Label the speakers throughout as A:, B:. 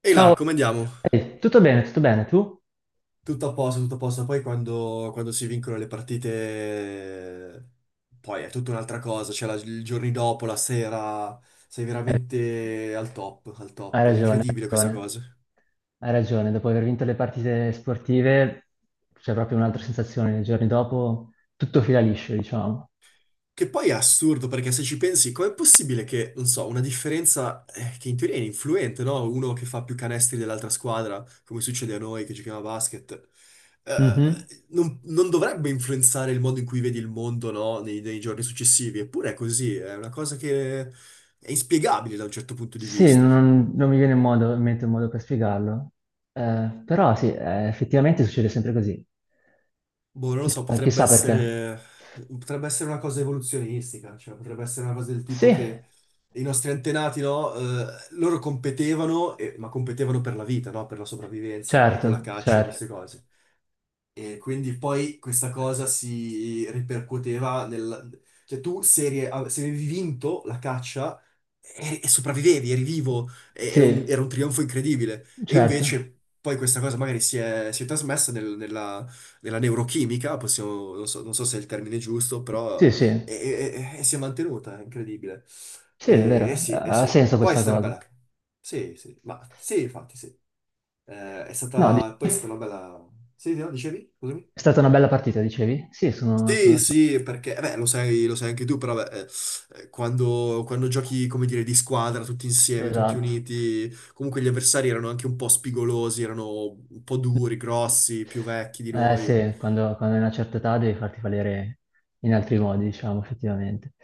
A: E là,
B: Ciao,
A: come andiamo?
B: Ehi, tutto bene, tu?
A: Tutto a posto, tutto a posto. Poi quando si vincono le partite, poi è tutta un'altra cosa. Cioè, i giorni dopo, la sera, sei
B: Eh,
A: veramente al top, al
B: hai
A: top. È
B: ragione, hai
A: incredibile questa
B: ragione,
A: cosa.
B: hai ragione, dopo aver vinto le partite sportive c'è proprio un'altra sensazione, nei giorni dopo tutto fila liscio, diciamo.
A: Che poi è assurdo perché se ci pensi, com'è possibile che, non so, una differenza che in teoria è influente, no? Uno che fa più canestri dell'altra squadra, come succede a noi che giochiamo a basket,
B: Mhm.
A: eh, non dovrebbe influenzare il modo in cui vedi il mondo, no? Nei giorni successivi. Eppure è così, è una cosa che è inspiegabile da un certo punto di
B: Sì,
A: vista.
B: non mi viene in in mente un modo per spiegarlo. Però sì, effettivamente succede sempre così,
A: Boh, non lo so,
B: chissà, chissà perché.
A: potrebbe essere una cosa evoluzionistica, cioè potrebbe essere una cosa del tipo
B: Sì,
A: che i nostri antenati, no, loro competevano, ma competevano per la vita, no, per la sopravvivenza, magari con la
B: certo,
A: caccia e
B: certo,
A: queste cose. E quindi poi questa cosa si ripercuoteva nel... Cioè tu se, eri- av- se avevi vinto la caccia e sopravvivevi, eri vivo,
B: sì,
A: era un trionfo incredibile. E
B: certo,
A: invece poi questa cosa magari si è trasmessa nella, nella neurochimica, non so, non so se è il termine giusto,
B: sì,
A: però
B: sì.
A: e si è mantenuta, è incredibile.
B: Sì, è
A: E, eh
B: vero,
A: sì, eh
B: ha
A: sì.
B: senso
A: Poi è
B: questa
A: stata una
B: cosa.
A: bella... Sì, sì, ma sì, infatti sì. È
B: No,
A: stata... Poi è stata una bella... Sì, no, dicevi? Scusami.
B: è stata una bella partita, dicevi? Sì, sono
A: Sì,
B: d'accordo.
A: sì, perché eh beh, lo sai anche tu, però beh, quando giochi, come dire, di squadra, tutti insieme, tutti
B: Esatto.
A: uniti, comunque gli avversari erano anche un po' spigolosi, erano un po' duri, grossi, più vecchi di
B: Eh
A: noi.
B: sì, quando hai una certa età devi farti valere in altri modi, diciamo, effettivamente.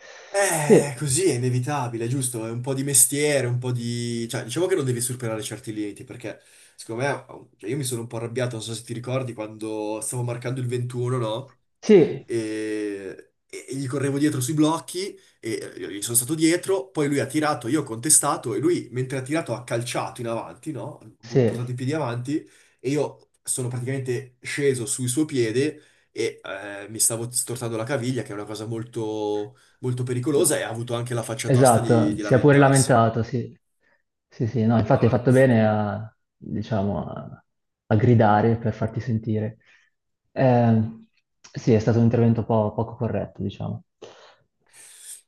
B: Sì,
A: Così è inevitabile, giusto? È un po' di mestiere, un po' di... Cioè, diciamo che non devi superare certi limiti, perché secondo me... oh, cioè, io mi sono un po' arrabbiato, non so se ti ricordi, quando stavo marcando il 21, no?
B: sì,
A: E gli correvo dietro sui blocchi, e io gli sono stato dietro, poi lui ha tirato, io ho contestato, e lui, mentre ha tirato, ha calciato in avanti, no? Portato
B: sì.
A: i piedi avanti, e io sono praticamente sceso sul suo piede e mi stavo stortando la caviglia, che è una cosa molto molto pericolosa e ha avuto anche la faccia tosta
B: Esatto,
A: di
B: si è pure
A: lamentarsi.
B: lamentato, sì. Sì, sì, no, infatti hai
A: Ma
B: fatto
A: s-
B: bene a, diciamo, a gridare per farti sentire. Eh, sì, è stato un intervento poco corretto, diciamo.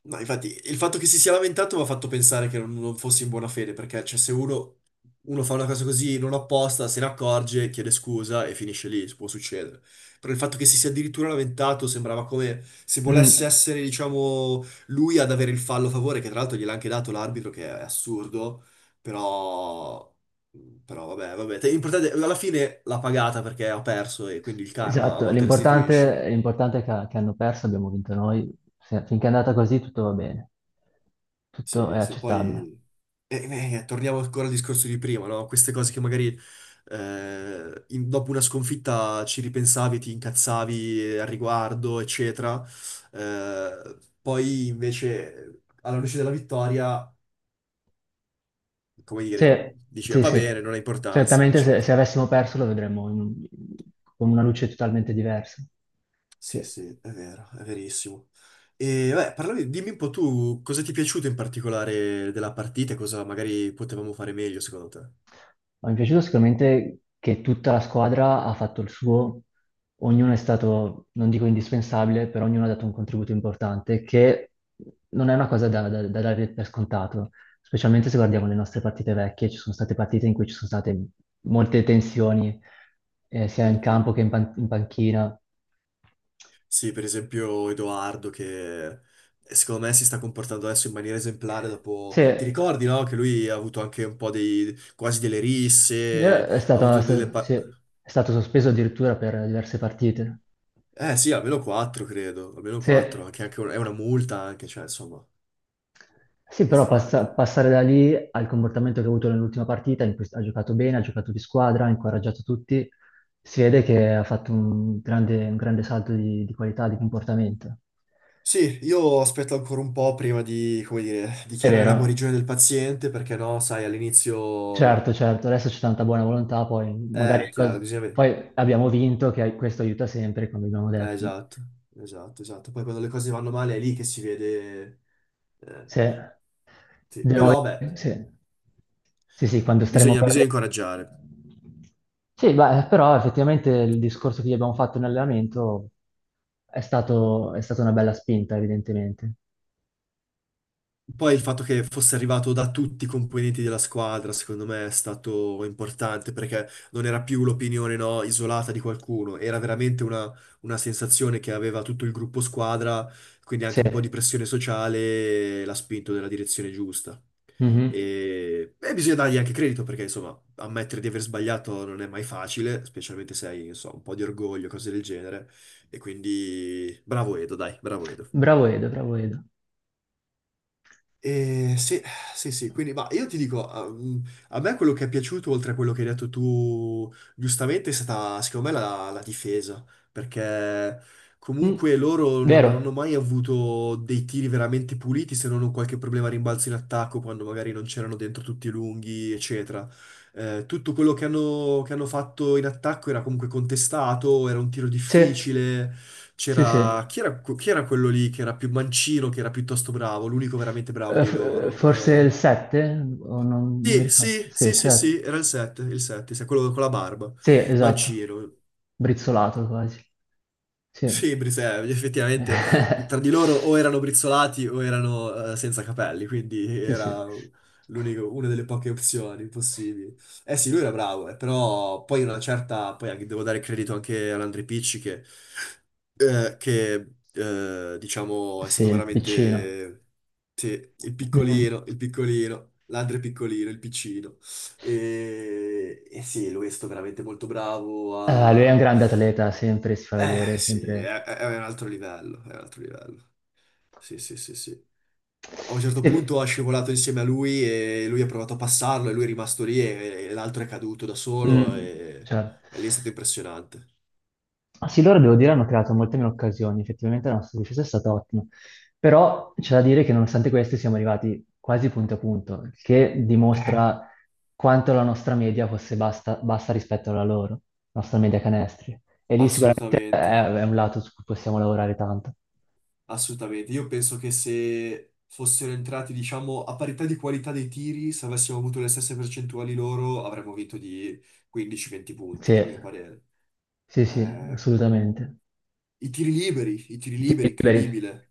A: Ma infatti il fatto che si sia lamentato mi ha fatto pensare che non fosse in buona fede, perché cioè, se uno, uno fa una cosa così non apposta, se ne accorge, chiede scusa e finisce lì, può succedere. Però il fatto che si sia addirittura lamentato sembrava come se volesse
B: Mm,
A: essere, diciamo, lui ad avere il fallo a favore, che tra l'altro gliel'ha anche dato l'arbitro, che è assurdo, però... Però vabbè, l'importante alla fine l'ha pagata perché ha perso e quindi il karma a
B: esatto,
A: volte restituisce.
B: l'importante è che hanno perso, abbiamo vinto noi. Finché è andata così tutto va bene, tutto è
A: Sì, sì,
B: accettabile.
A: poi torniamo ancora al discorso di prima, no? Queste cose che magari dopo una sconfitta ci ripensavi, ti incazzavi al riguardo, eccetera. Poi invece alla luce della vittoria, come dire,
B: Sì,
A: dici, "Ah,
B: sì,
A: va bene,
B: sì.
A: non ha importanza,
B: Certamente se,
A: eccetera.
B: se avessimo perso lo vedremmo in con una luce totalmente diversa.
A: Sì,
B: Sì.
A: sì, è vero, è verissimo. E beh, parlami, dimmi un po' tu cosa ti è piaciuto in particolare della partita e cosa magari potevamo fare meglio secondo te.
B: Ma mi è piaciuto sicuramente che tutta la squadra ha fatto il suo, ognuno è stato, non dico indispensabile, però ognuno ha dato un contributo importante, che non è una cosa da dare per scontato, specialmente se guardiamo le nostre partite vecchie, ci sono state partite in cui ci sono state molte tensioni, sia in
A: Mm, mm.
B: campo che in in panchina.
A: Sì, per esempio Edoardo che secondo me si sta comportando adesso in maniera esemplare
B: Sì,
A: dopo... Ti ricordi, no? Che lui ha avuto anche un po' dei... quasi delle risse,
B: è
A: ha
B: stato, è
A: avuto delle...
B: sta- sì, è stato sospeso addirittura per diverse partite.
A: Eh sì, almeno quattro, credo, almeno
B: Sì,
A: quattro, anche è una multa anche, cioè insomma...
B: sì, però
A: Pesante.
B: passare da lì al comportamento che ha avuto nell'ultima partita, in cui ha giocato bene, ha giocato di squadra, ha incoraggiato tutti, si vede che ha fatto un grande salto di qualità, di comportamento.
A: Sì, io aspetto ancora un po' prima di, come dire,
B: È
A: dichiarare la
B: vero,
A: guarigione del paziente, perché no, sai, all'inizio...
B: certo, certo, adesso c'è tanta buona volontà, poi magari
A: Chiaro, bisogna vedere.
B: poi abbiamo vinto, che questo aiuta sempre, come abbiamo detto.
A: Esatto, esatto, esatto. Poi quando le cose vanno male è lì che si vede Eh,
B: Sì,
A: sì,
B: devo
A: però beh,
B: vedere, sì. Sì, sì, quando staremo
A: bisogna,
B: per
A: bisogna
B: le.
A: incoraggiare.
B: Sì, beh, però effettivamente il discorso che gli abbiamo fatto in allenamento è stata una bella spinta, evidentemente.
A: Poi il fatto che fosse arrivato da tutti i componenti della squadra, secondo me, è stato importante perché non era più l'opinione, no, isolata di qualcuno, era veramente una sensazione che aveva tutto il gruppo squadra, quindi
B: Sì.
A: anche un po' di pressione sociale l'ha spinto nella direzione giusta.
B: Mhm.
A: E bisogna dargli anche credito perché, insomma, ammettere di aver sbagliato non è mai facile, specialmente se hai, non so, un po' di orgoglio, cose del genere. E quindi, bravo Edo, dai, bravo Edo.
B: Bravo Edo, bravo Edo.
A: Sì, sì, sì, quindi ma io ti dico, a me quello che è piaciuto, oltre a quello che hai detto tu, giustamente, è stata secondo me la difesa, perché
B: Mm,
A: comunque loro non hanno
B: vero?
A: mai avuto dei tiri veramente puliti, se non un qualche problema a rimbalzo in attacco, quando magari non c'erano dentro tutti i lunghi, eccetera. Tutto quello che hanno fatto in attacco era comunque contestato, era un tiro
B: Sì,
A: difficile,
B: sì, sì.
A: c'era chi era quello lì che era più mancino, che era piuttosto bravo, l'unico veramente bravo dei
B: F- eh,
A: loro.
B: forse il 7? O non mi
A: Sì,
B: ricordo.
A: sì,
B: Sì, il
A: sì, sì,
B: 7.
A: sì, era il 7, il 7, quello con la barba.
B: Sì, esatto.
A: Mancino.
B: Brizzolato quasi. Sì.
A: Sì, Brise, effettivamente tra di loro o erano brizzolati o erano senza capelli, quindi
B: Sì, sì,
A: era una delle poche opzioni possibili. Eh sì, lui era bravo, però poi una certa, poi anche, devo dare credito anche all'Andre Picci che, eh, che, diciamo è
B: sì,
A: stato
B: il piccino.
A: veramente sì,
B: Mm.
A: il piccolino, l'Andre piccolino, il piccino. E sì, lui è stato veramente molto bravo
B: Ah, lui è un
A: a
B: grande atleta, sempre si fa
A: eh
B: vedere,
A: sì,
B: sempre.
A: è un altro livello, è un altro livello. Sì, sì, sì, sì. A un certo
B: Sì,
A: punto ha scivolato insieme a lui e lui ha provato a passarlo e lui è rimasto lì e l'altro è caduto da solo
B: mm, cioè,
A: e lì è stato impressionante.
B: ah, sì, loro devo dire hanno creato molte meno occasioni, effettivamente la nostra difesa è stata ottima, però c'è da dire che nonostante questo siamo arrivati quasi punto a punto, il che
A: Eh.
B: dimostra quanto la nostra media fosse bassa rispetto alla loro, la nostra media canestri. E lì sicuramente è
A: Assolutamente,
B: è un lato su cui possiamo lavorare tanto.
A: assolutamente. Io penso che se fossero entrati, diciamo, a parità di qualità dei tiri, se avessimo avuto le stesse percentuali loro, avremmo vinto di 15-20
B: Sì,
A: punti, a mio parere.
B: sì, sì,
A: Eh,
B: assolutamente.
A: i tiri
B: Tiri
A: liberi,
B: liberi,
A: incredibile.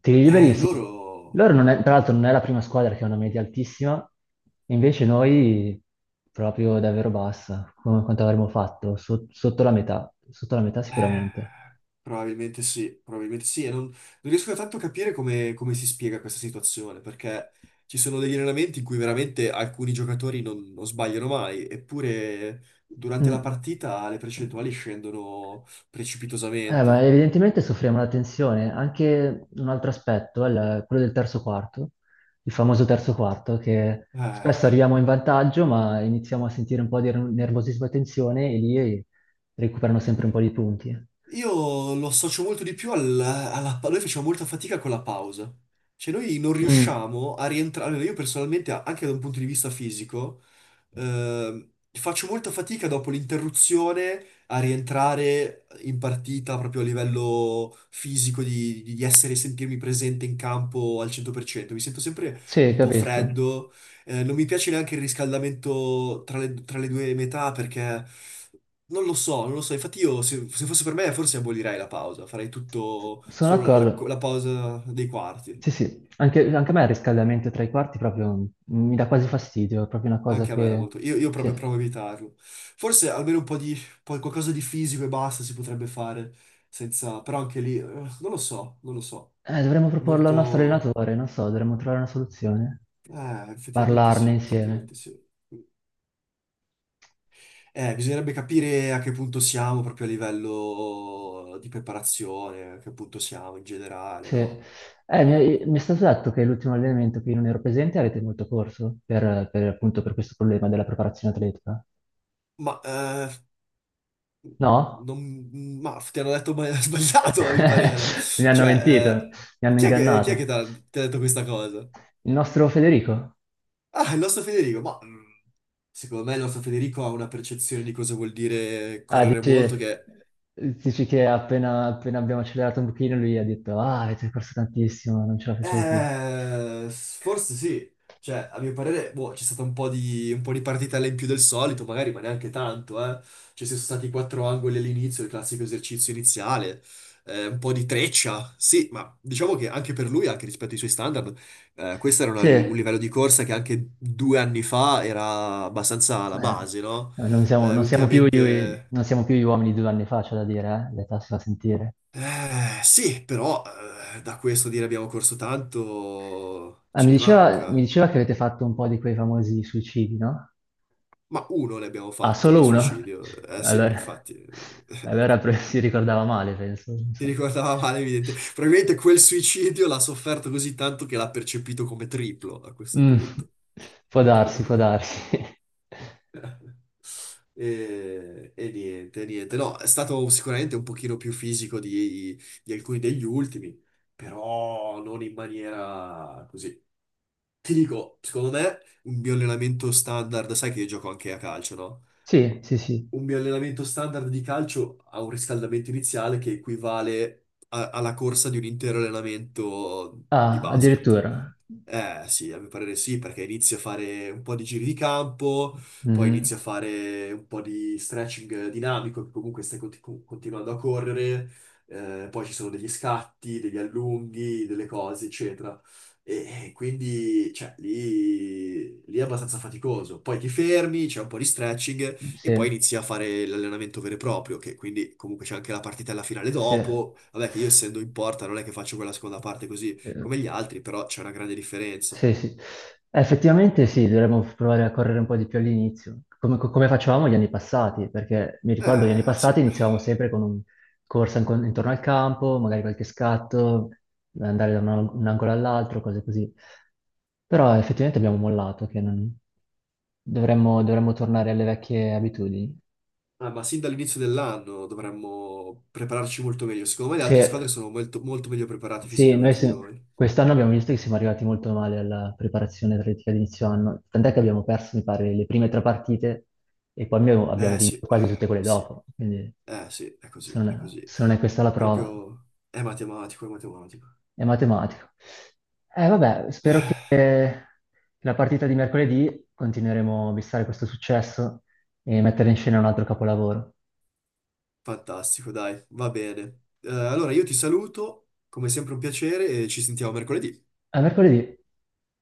B: tiri liberi, sì.
A: Loro...
B: Loro non è- tra l'altro non è la prima squadra che ha una media altissima, invece noi proprio davvero bassa, come quanto avremmo fatto, sotto la metà sicuramente.
A: eh, probabilmente sì, probabilmente sì. E non riesco tanto a capire come si spiega questa situazione, perché ci sono degli allenamenti in cui veramente alcuni giocatori non sbagliano mai, eppure durante la
B: Mm.
A: partita le percentuali scendono
B: Ma
A: precipitosamente.
B: evidentemente soffriamo la tensione. Anche un altro aspetto è quello del terzo quarto, il famoso terzo quarto, che spesso
A: Eh,
B: arriviamo in vantaggio, ma iniziamo a sentire un po' di nervosismo e tensione e lì recuperano sempre un po' di punti.
A: io lo associo molto di più alla... Noi facciamo molta fatica con la pausa. Cioè noi non
B: Mm,
A: riusciamo a rientrare, almeno io personalmente, anche da un punto di vista fisico faccio molta fatica dopo l'interruzione a rientrare in partita proprio a livello fisico, di essere, sentirmi presente in campo al 100%. Mi sento sempre
B: sì,
A: un po'
B: capisco.
A: freddo, non mi piace neanche il riscaldamento tra le due metà perché... Non lo so, non lo so. Infatti io, se fosse per me, forse abolirei la pausa. Farei tutto,
B: Sono
A: solo
B: d'accordo.
A: la pausa dei quarti.
B: Sì, sì. Anche a me il riscaldamento tra i quarti proprio mi dà quasi fastidio, è proprio una cosa
A: Anche a me da
B: che.
A: molto. Io
B: Sì.
A: proprio provo a evitarlo. Forse almeno un po' di poi qualcosa di fisico e basta si potrebbe fare senza. Però anche lì non lo so, non lo so.
B: Dovremmo
A: È
B: proporlo al nostro
A: molto.
B: allenatore, non so, dovremmo trovare una soluzione.
A: Effettivamente
B: Parlarne
A: sì,
B: insieme.
A: effettivamente sì. Bisognerebbe capire a che punto siamo proprio a livello di preparazione, a che punto siamo in generale,
B: Sì.
A: no?
B: Eh,
A: Eh,
B: mi, mi è stato detto che l'ultimo allenamento che io non ero presente avete molto corso appunto per questo problema della preparazione atletica.
A: ma, eh,
B: No?
A: ma ti hanno detto sbagliato, a mio parere.
B: Mi hanno mentito,
A: Cioè,
B: mi hanno
A: chi è che
B: ingannato.
A: ti ha detto questa cosa?
B: Il nostro Federico?
A: Ah, il nostro Federico, ma secondo me il nostro Federico ha una percezione di cosa vuol dire
B: Ah,
A: correre molto
B: dici,
A: che...
B: dici che appena, appena abbiamo accelerato un pochino lui ha detto, ah, avete corso tantissimo, non ce la facevo più.
A: Forse sì. Cioè, a mio parere, boh, c'è stata un po' di partitella in più del solito, magari, ma neanche tanto, eh. Cioè, ci sono stati quattro angoli all'inizio, il classico esercizio iniziale, un po' di treccia, sì, ma diciamo che anche per lui, anche rispetto ai suoi standard, questo era un
B: Sì.
A: livello di corsa che anche due anni fa era abbastanza la
B: Eh,
A: base, no?
B: cioè, non siamo, non siamo più, gli-
A: Ultimamente.
B: non siamo più gli uomini di 2 anni fa, c'è da dire, eh? L'età si fa sentire.
A: Sì, però da questo dire abbiamo corso tanto
B: Ah,
A: ce
B: mi
A: ne
B: diceva, mi
A: manca.
B: diceva che avete fatto un po' di quei famosi suicidi, no?
A: Ma uno ne abbiamo
B: Ah,
A: fatto di
B: solo uno?
A: suicidio. Eh sì,
B: Allora,
A: infatti,
B: allora, si ricordava male, penso. Non
A: ti
B: so.
A: ricordava male, evidente. Probabilmente quel suicidio l'ha sofferto così tanto che l'ha percepito come triplo a questo
B: Mm,
A: punto.
B: può darsi, può darsi.
A: E niente, niente. No, è stato sicuramente un pochino più fisico di alcuni degli ultimi, però non in maniera così. Ti dico, secondo me, un mio allenamento standard, sai che io gioco anche a calcio, no?
B: Sì, sì, sì.
A: Un mio allenamento standard di calcio ha un riscaldamento iniziale che equivale alla corsa di un intero allenamento di
B: Ah,
A: basket.
B: addirittura.
A: Eh sì, a mio parere sì, perché inizi a fare un po' di giri di campo, poi
B: Mhm,
A: inizi a fare un po' di stretching dinamico, che comunque continuando a correre, poi ci sono degli scatti, degli allunghi, delle cose, eccetera. E quindi, cioè, lì, lì è abbastanza faticoso. Poi ti fermi, c'è un po' di stretching
B: sì,
A: e poi inizi a fare l'allenamento vero e proprio, che quindi comunque c'è anche la partitella finale
B: sì.
A: dopo. Vabbè, che io essendo in porta non è che faccio quella seconda parte così
B: Eh,
A: come gli altri, però c'è una grande differenza.
B: sì, sì. Effettivamente sì, dovremmo provare a correre un po' di più all'inizio, come facevamo gli anni passati, perché mi ricordo gli anni passati
A: Sì.
B: iniziavamo sempre con un corsa intorno al campo, magari qualche scatto, andare da un angolo all'altro, cose così. Però effettivamente abbiamo mollato, che non- dovremmo tornare alle vecchie abitudini.
A: Ah, ma sin dall'inizio dell'anno dovremmo prepararci molto meglio. Secondo me le
B: Sì,
A: altre squadre sono molto, molto meglio preparate
B: sì, noi
A: fisicamente di noi.
B: quest'anno abbiamo visto che siamo arrivati molto male alla preparazione atletica di inizio anno, tant'è che abbiamo perso, mi pare, le prime tre partite e poi abbiamo
A: Eh
B: vinto
A: sì,
B: quasi tutte quelle
A: sì,
B: dopo, quindi
A: eh sì, è così,
B: se non
A: è
B: è,
A: così.
B: se non è questa la prova,
A: Proprio è matematico, è matematico.
B: è matematico. Vabbè, spero che
A: Eh,
B: la partita di mercoledì continueremo a bissare questo successo e mettere in scena un altro capolavoro.
A: fantastico, dai, va bene. Allora io ti saluto, come sempre un piacere e ci sentiamo mercoledì.
B: A mercoledì!